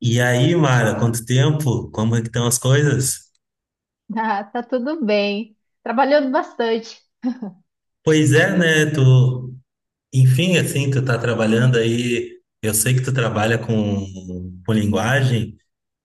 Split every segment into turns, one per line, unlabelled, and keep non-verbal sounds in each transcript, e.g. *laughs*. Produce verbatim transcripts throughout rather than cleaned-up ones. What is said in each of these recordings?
E aí, Mara, quanto tempo? Como é que estão as coisas?
Ah, tá tudo bem. Trabalhando bastante.
Pois é, né? Tu, enfim, assim, tu tá trabalhando aí. Eu sei que tu trabalha com, com linguagem.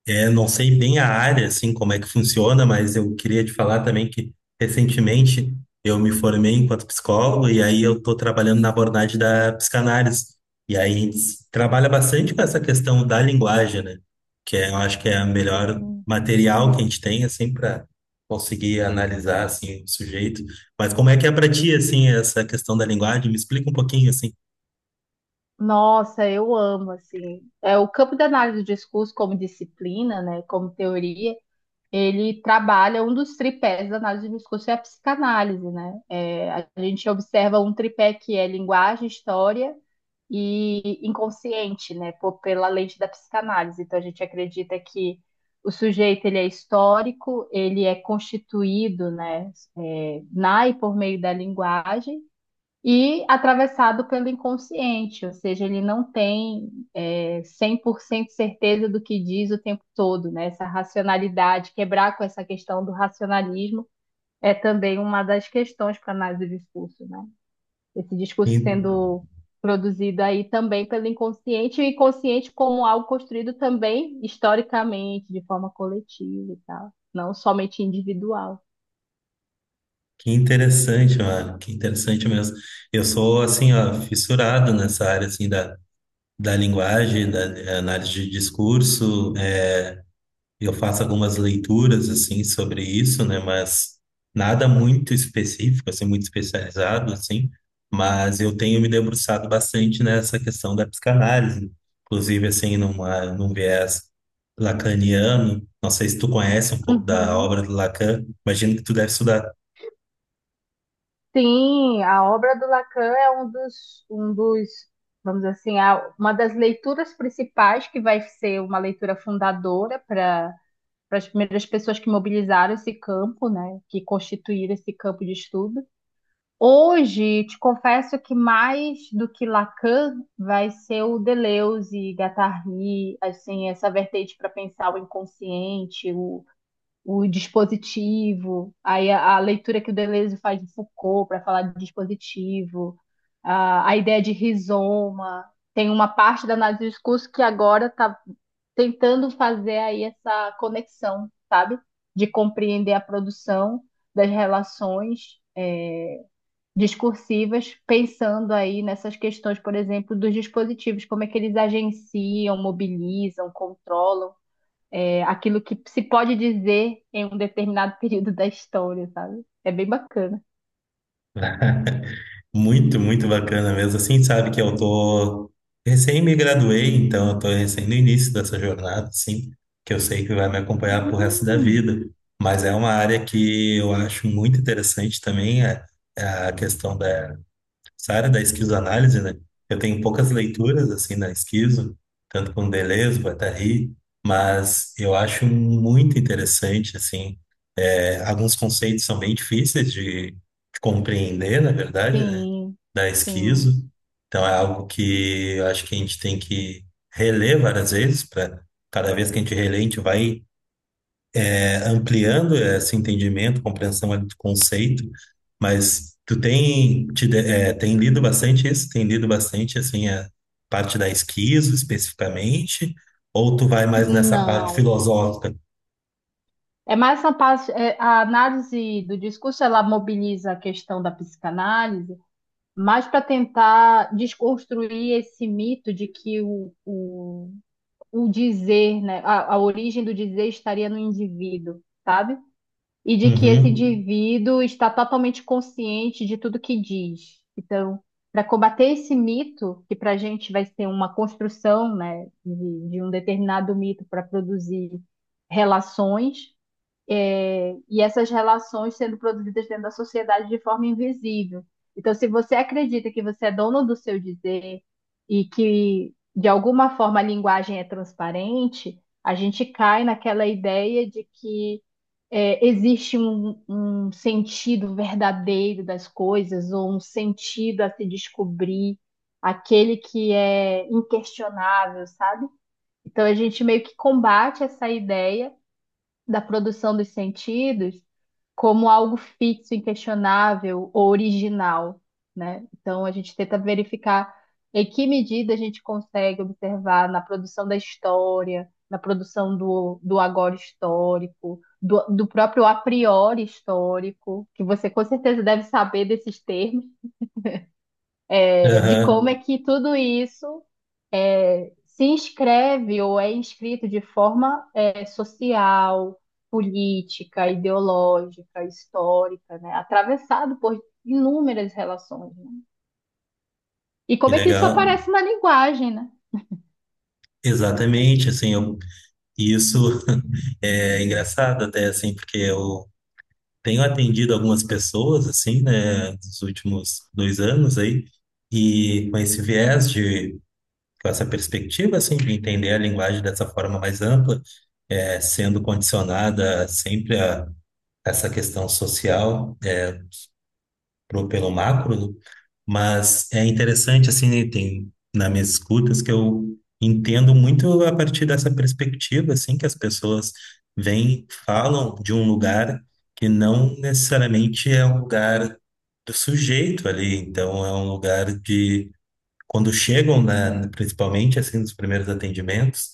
É, não sei bem a área, assim, como é que funciona, mas eu queria te falar também que recentemente eu me formei enquanto psicólogo e aí eu estou trabalhando na abordagem da psicanálise. E aí a gente trabalha bastante com essa questão da linguagem, né? Que é, eu acho que é o melhor
Sim.
material que a gente tem, assim, para conseguir analisar, assim, o sujeito. Mas como é que é para ti, assim, essa questão da linguagem? Me explica um pouquinho, assim.
Nossa, eu amo, assim. É, o campo da análise do discurso como disciplina, né, como teoria, ele trabalha um dos tripés da análise do discurso é a psicanálise, né? É, a gente observa um tripé que é linguagem, história e inconsciente, né? Pô, pela lente da psicanálise. Então a gente acredita que o sujeito ele é histórico, ele é constituído, né, é, na e por meio da linguagem e atravessado pelo inconsciente, ou seja, ele não tem é, cem por cento certeza do que diz o tempo todo, né? Essa racionalidade, quebrar com essa questão do racionalismo é também uma das questões para a análise do discurso, né? Esse discurso sendo produzido aí também pelo inconsciente, e o inconsciente como algo construído também historicamente, de forma coletiva e tal, não somente individual.
Que interessante, mano. Que interessante mesmo. Eu sou, assim, ó, fissurado nessa área, assim, da, da linguagem, da eh, análise de discurso. Eh, eu faço algumas leituras, assim, sobre isso, né? Mas nada muito específico, assim, muito especializado, assim. Mas eu tenho me debruçado bastante nessa questão da psicanálise. Inclusive, assim, numa, num viés lacaniano. Não sei se tu conhece um pouco da
Uhum.
obra do Lacan. Imagino que tu deve estudar.
Sim, a obra do Lacan é um dos, um dos, vamos dizer assim, a- uma das leituras principais que vai ser uma leitura fundadora para para as primeiras pessoas que mobilizaram esse campo, né, que constituíram esse campo de estudo. Hoje, te confesso que mais do que Lacan vai ser o Deleuze, Guattari, assim, essa vertente para pensar o inconsciente, o, o dispositivo, aí a, a leitura que o Deleuze faz de Foucault para falar de dispositivo, a, a ideia de rizoma. Tem uma parte da análise do discurso que agora está tentando fazer aí essa conexão, sabe? De compreender a produção das relações discursivas, pensando aí nessas questões, por exemplo, dos dispositivos, como é que eles agenciam, mobilizam, controlam é, aquilo que se pode dizer em um determinado *laughs* período da história, sabe? É bem bacana.
*laughs* Muito, muito bacana mesmo. Assim, sabe que eu tô recém me graduei, então eu tô recém no início dessa jornada, assim, que eu sei que vai me acompanhar pro resto da
Hum,
vida. Mas é uma área que eu acho muito interessante também, é, é a questão da, essa área da esquizoanálise, né? Eu tenho poucas leituras, assim, na esquizo, tanto com Deleuze, Guattari, mas eu acho muito interessante, assim, é, alguns conceitos são bem difíceis de, de compreender, na verdade, né?
sim,
Da
sim.
esquizo. Então é algo que eu acho que a gente tem que reler várias vezes, para cada vez que a gente relê, a gente vai é, ampliando esse entendimento, compreensão ali do conceito. Mas tu tem, te, de- é, tem lido bastante isso? Tem lido bastante, assim, a parte da esquizo especificamente? Ou tu vai mais nessa parte
Não.
filosófica?
É mais essa parte, é, a análise do discurso, ela mobiliza a questão da psicanálise, mas para tentar desconstruir esse mito de que o, o o dizer, né? A, a origem do dizer estaria no indivíduo, sabe? E de que esse
Uhum,
indivíduo está totalmente consciente de tudo que diz. Então, para combater esse mito, que para a gente vai ser uma construção, né, de, de um determinado mito para produzir relações, é, e essas relações sendo produzidas dentro da sociedade de forma invisível. Então, se você acredita que você é dono do seu dizer e que, de alguma forma, a linguagem é transparente, a gente cai naquela ideia de que é, existe um, um sentido verdadeiro das coisas, ou um sentido a se descobrir, aquele que é inquestionável, sabe? Então, a gente meio que combate essa ideia da produção dos sentidos como algo fixo, inquestionável ou original, né? Então a gente tenta verificar em que medida a gente consegue observar na produção da história, na produção do, do agora histórico, do, do próprio a priori histórico, que você com certeza deve saber desses termos, eh, de como é
aham,
que tudo isso se inscreve ou é inscrito de forma é, social, política, ideológica, histórica, né? Atravessado por inúmeras relações, né? E
que
como é que isso
legal.
aparece na linguagem, né?
Exatamente, assim, eu, e isso *laughs* é engraçado até, assim, porque eu tenho atendido algumas pessoas, assim, né, nos últimos dois anos aí, e com esse viés de, com essa perspectiva, assim, de entender a linguagem dessa forma mais ampla, é, sendo condicionada sempre a essa questão social, pro- pelo macro, né? Mas é interessante, assim, né, tem nas minhas escutas que eu entendo muito a partir dessa perspectiva, assim, que as pessoas vêm, falam de um lugar que não necessariamente é um lugar do sujeito ali, então é um lugar de quando chegam, né, principalmente assim nos primeiros atendimentos,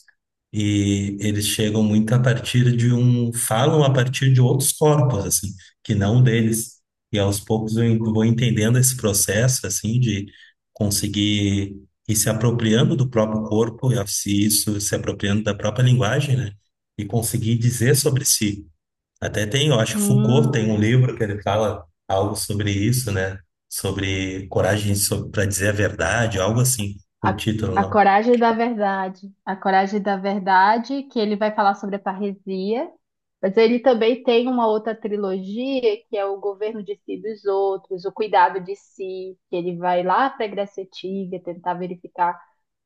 e eles chegam muito a partir de um, falam a partir de outros corpos assim, que não o deles. E aos poucos eu en- vou entendendo esse processo assim de conseguir ir se apropriando do próprio corpo, e se isso se apropriando da própria linguagem, né? E conseguir dizer sobre si. Até tem, eu acho que Foucault tem um
Hum.
livro que ele fala algo sobre isso, né? Sobre coragem para dizer a verdade, algo assim, o
A,
título,
a
não.
coragem da verdade. A coragem da verdade, que ele vai falar sobre a parresia, mas ele também tem uma outra trilogia, que é o governo de si e dos outros, o cuidado de si, que ele vai lá para a Grécia Antiga tentar verificar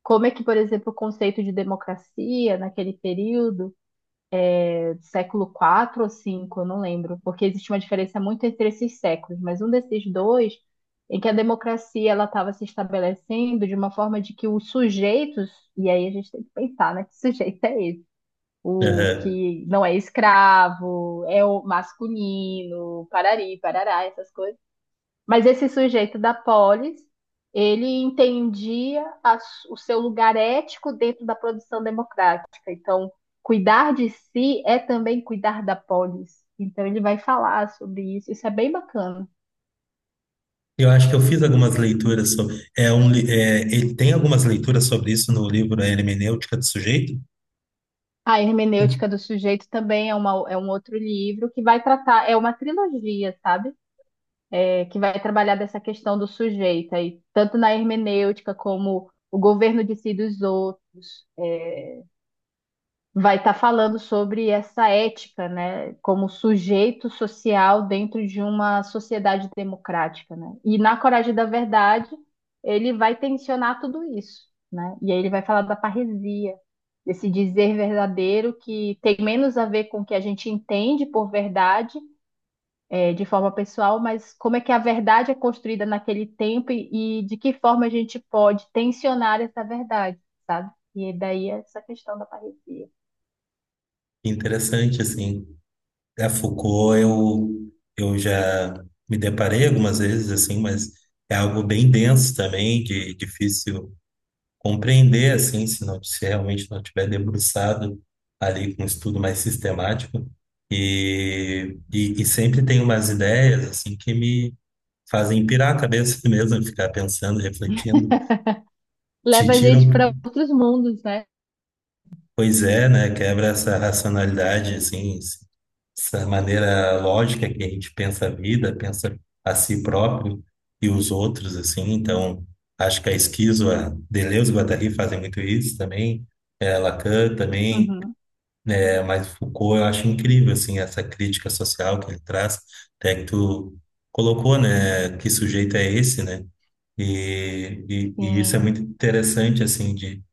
como é que, por exemplo, o conceito de democracia naquele período século quatro ou cinco, eu não lembro, porque existe uma diferença muito entre esses séculos, mas um desses dois em que a democracia ela estava se estabelecendo de uma forma de que os sujeitos, e aí a gente tem que pensar, né, que sujeito é esse? O
Aham.
que não é escravo, é o masculino, parari, parará, essas coisas, mas esse sujeito da polis, ele entendia a s- o seu lugar ético dentro da produção democrática. Então, cuidar de si é também cuidar da polis. Então, ele vai falar sobre isso. Isso é bem bacana.
Eu acho que eu fiz algumas leituras sobre. É um, li- é, ele tem algumas leituras sobre isso no livro A Hermenêutica do Sujeito.
A Hermenêutica do Sujeito também é, uma- é um outro livro que vai tratar, é uma trilogia, sabe? É, que vai trabalhar dessa questão do sujeito aí, tanto na hermenêutica como o governo de si dos outros. É, vai estar falando sobre essa ética, né, como sujeito social dentro de uma sociedade democrática, né? E na Coragem da Verdade, ele vai tensionar tudo isso, né? E aí ele vai falar da parresia, desse dizer verdadeiro que tem menos a ver com o que a gente entende por verdade, é, de forma pessoal, mas como é que a verdade é construída naquele tempo e, e de que forma a gente pode tensionar essa verdade, sabe? E daí essa questão da parresia.
Interessante, assim. A Foucault, eu, eu já me deparei algumas vezes, assim, mas é algo bem denso também, de, difícil compreender, assim, se não, se realmente não tiver debruçado ali com um estudo mais sistemático. E, e, e sempre tem umas ideias, assim, que me fazem pirar a cabeça *laughs* mesmo, ficar pensando, refletindo, te
Leva a
tiram.
gente para outros mundos, né?
Pois é, né? Quebra essa racionalidade, assim, esse- essa maneira lógica que a gente pensa a vida, pensa a si próprio e os outros, assim. Então, acho que a Esquizo, a Deleuze e Guattari fazem muito isso também, é, Lacan também,
Uhum,
é, mas Foucault eu acho incrível, assim, essa crítica social que ele traz, até que tu colocou, né? Que sujeito é esse, né? E, e, e isso é
sim,
muito interessante, assim, de,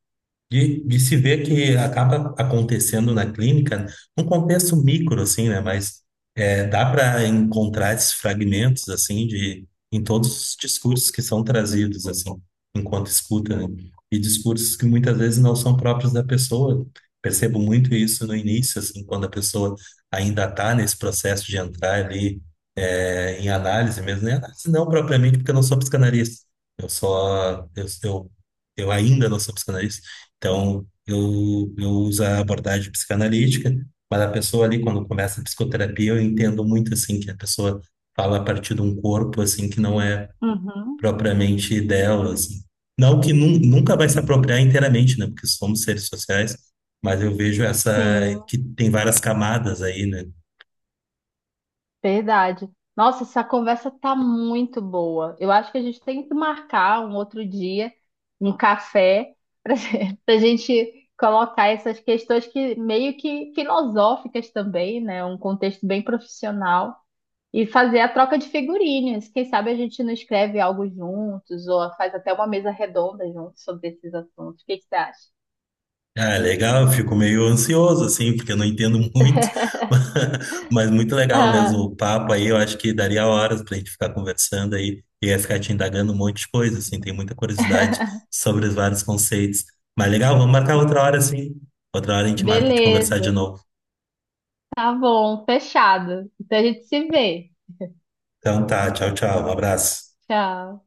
de se ver que acaba acontecendo na clínica, num contexto micro, assim, né? Mas é, dá para encontrar esses fragmentos, assim, de, em todos os discursos que são trazidos, assim, enquanto escuta, né? E discursos que muitas vezes não são próprios da pessoa. Percebo muito isso no início, assim, quando a pessoa ainda está nesse processo de entrar ali é, em análise mesmo, né? Análise não propriamente, porque eu não sou psicanalista. Eu só, eu, eu eu ainda não sou psicanalista, então, eu, eu uso a abordagem psicanalítica, mas a pessoa ali, quando começa a psicoterapia, eu entendo muito, assim, que a pessoa fala a partir de um corpo, assim, que não é
uhum,
propriamente dela, assim. Não que nun- nunca vai se apropriar inteiramente, né? Porque somos seres sociais, mas eu vejo essa,
sim,
que tem várias camadas aí, né?
verdade. Nossa, essa conversa tá muito boa. Eu acho que a gente tem que marcar um outro dia, um café, para *laughs* a gente colocar essas questões que meio que filosóficas também, né? Um contexto bem profissional e fazer a troca de figurinhas. Quem sabe a gente não escreve algo juntos ou faz até uma mesa redonda juntos sobre esses assuntos. O que que você acha?
Ah, legal, eu fico meio ansioso, assim, porque eu não entendo muito, *laughs* mas muito legal mesmo o
*laughs*
papo aí, eu acho que daria horas pra gente ficar conversando aí, e ia ficar te indagando um monte de coisa, assim, tem muita curiosidade
Ah.
sobre os vários conceitos. Mas legal, vamos marcar outra hora, assim, outra hora a gente marca de conversar de
Beleza.
novo.
Tá bom, fechado. Então a gente se vê.
Então tá, tchau, tchau, um abraço.
Tchau.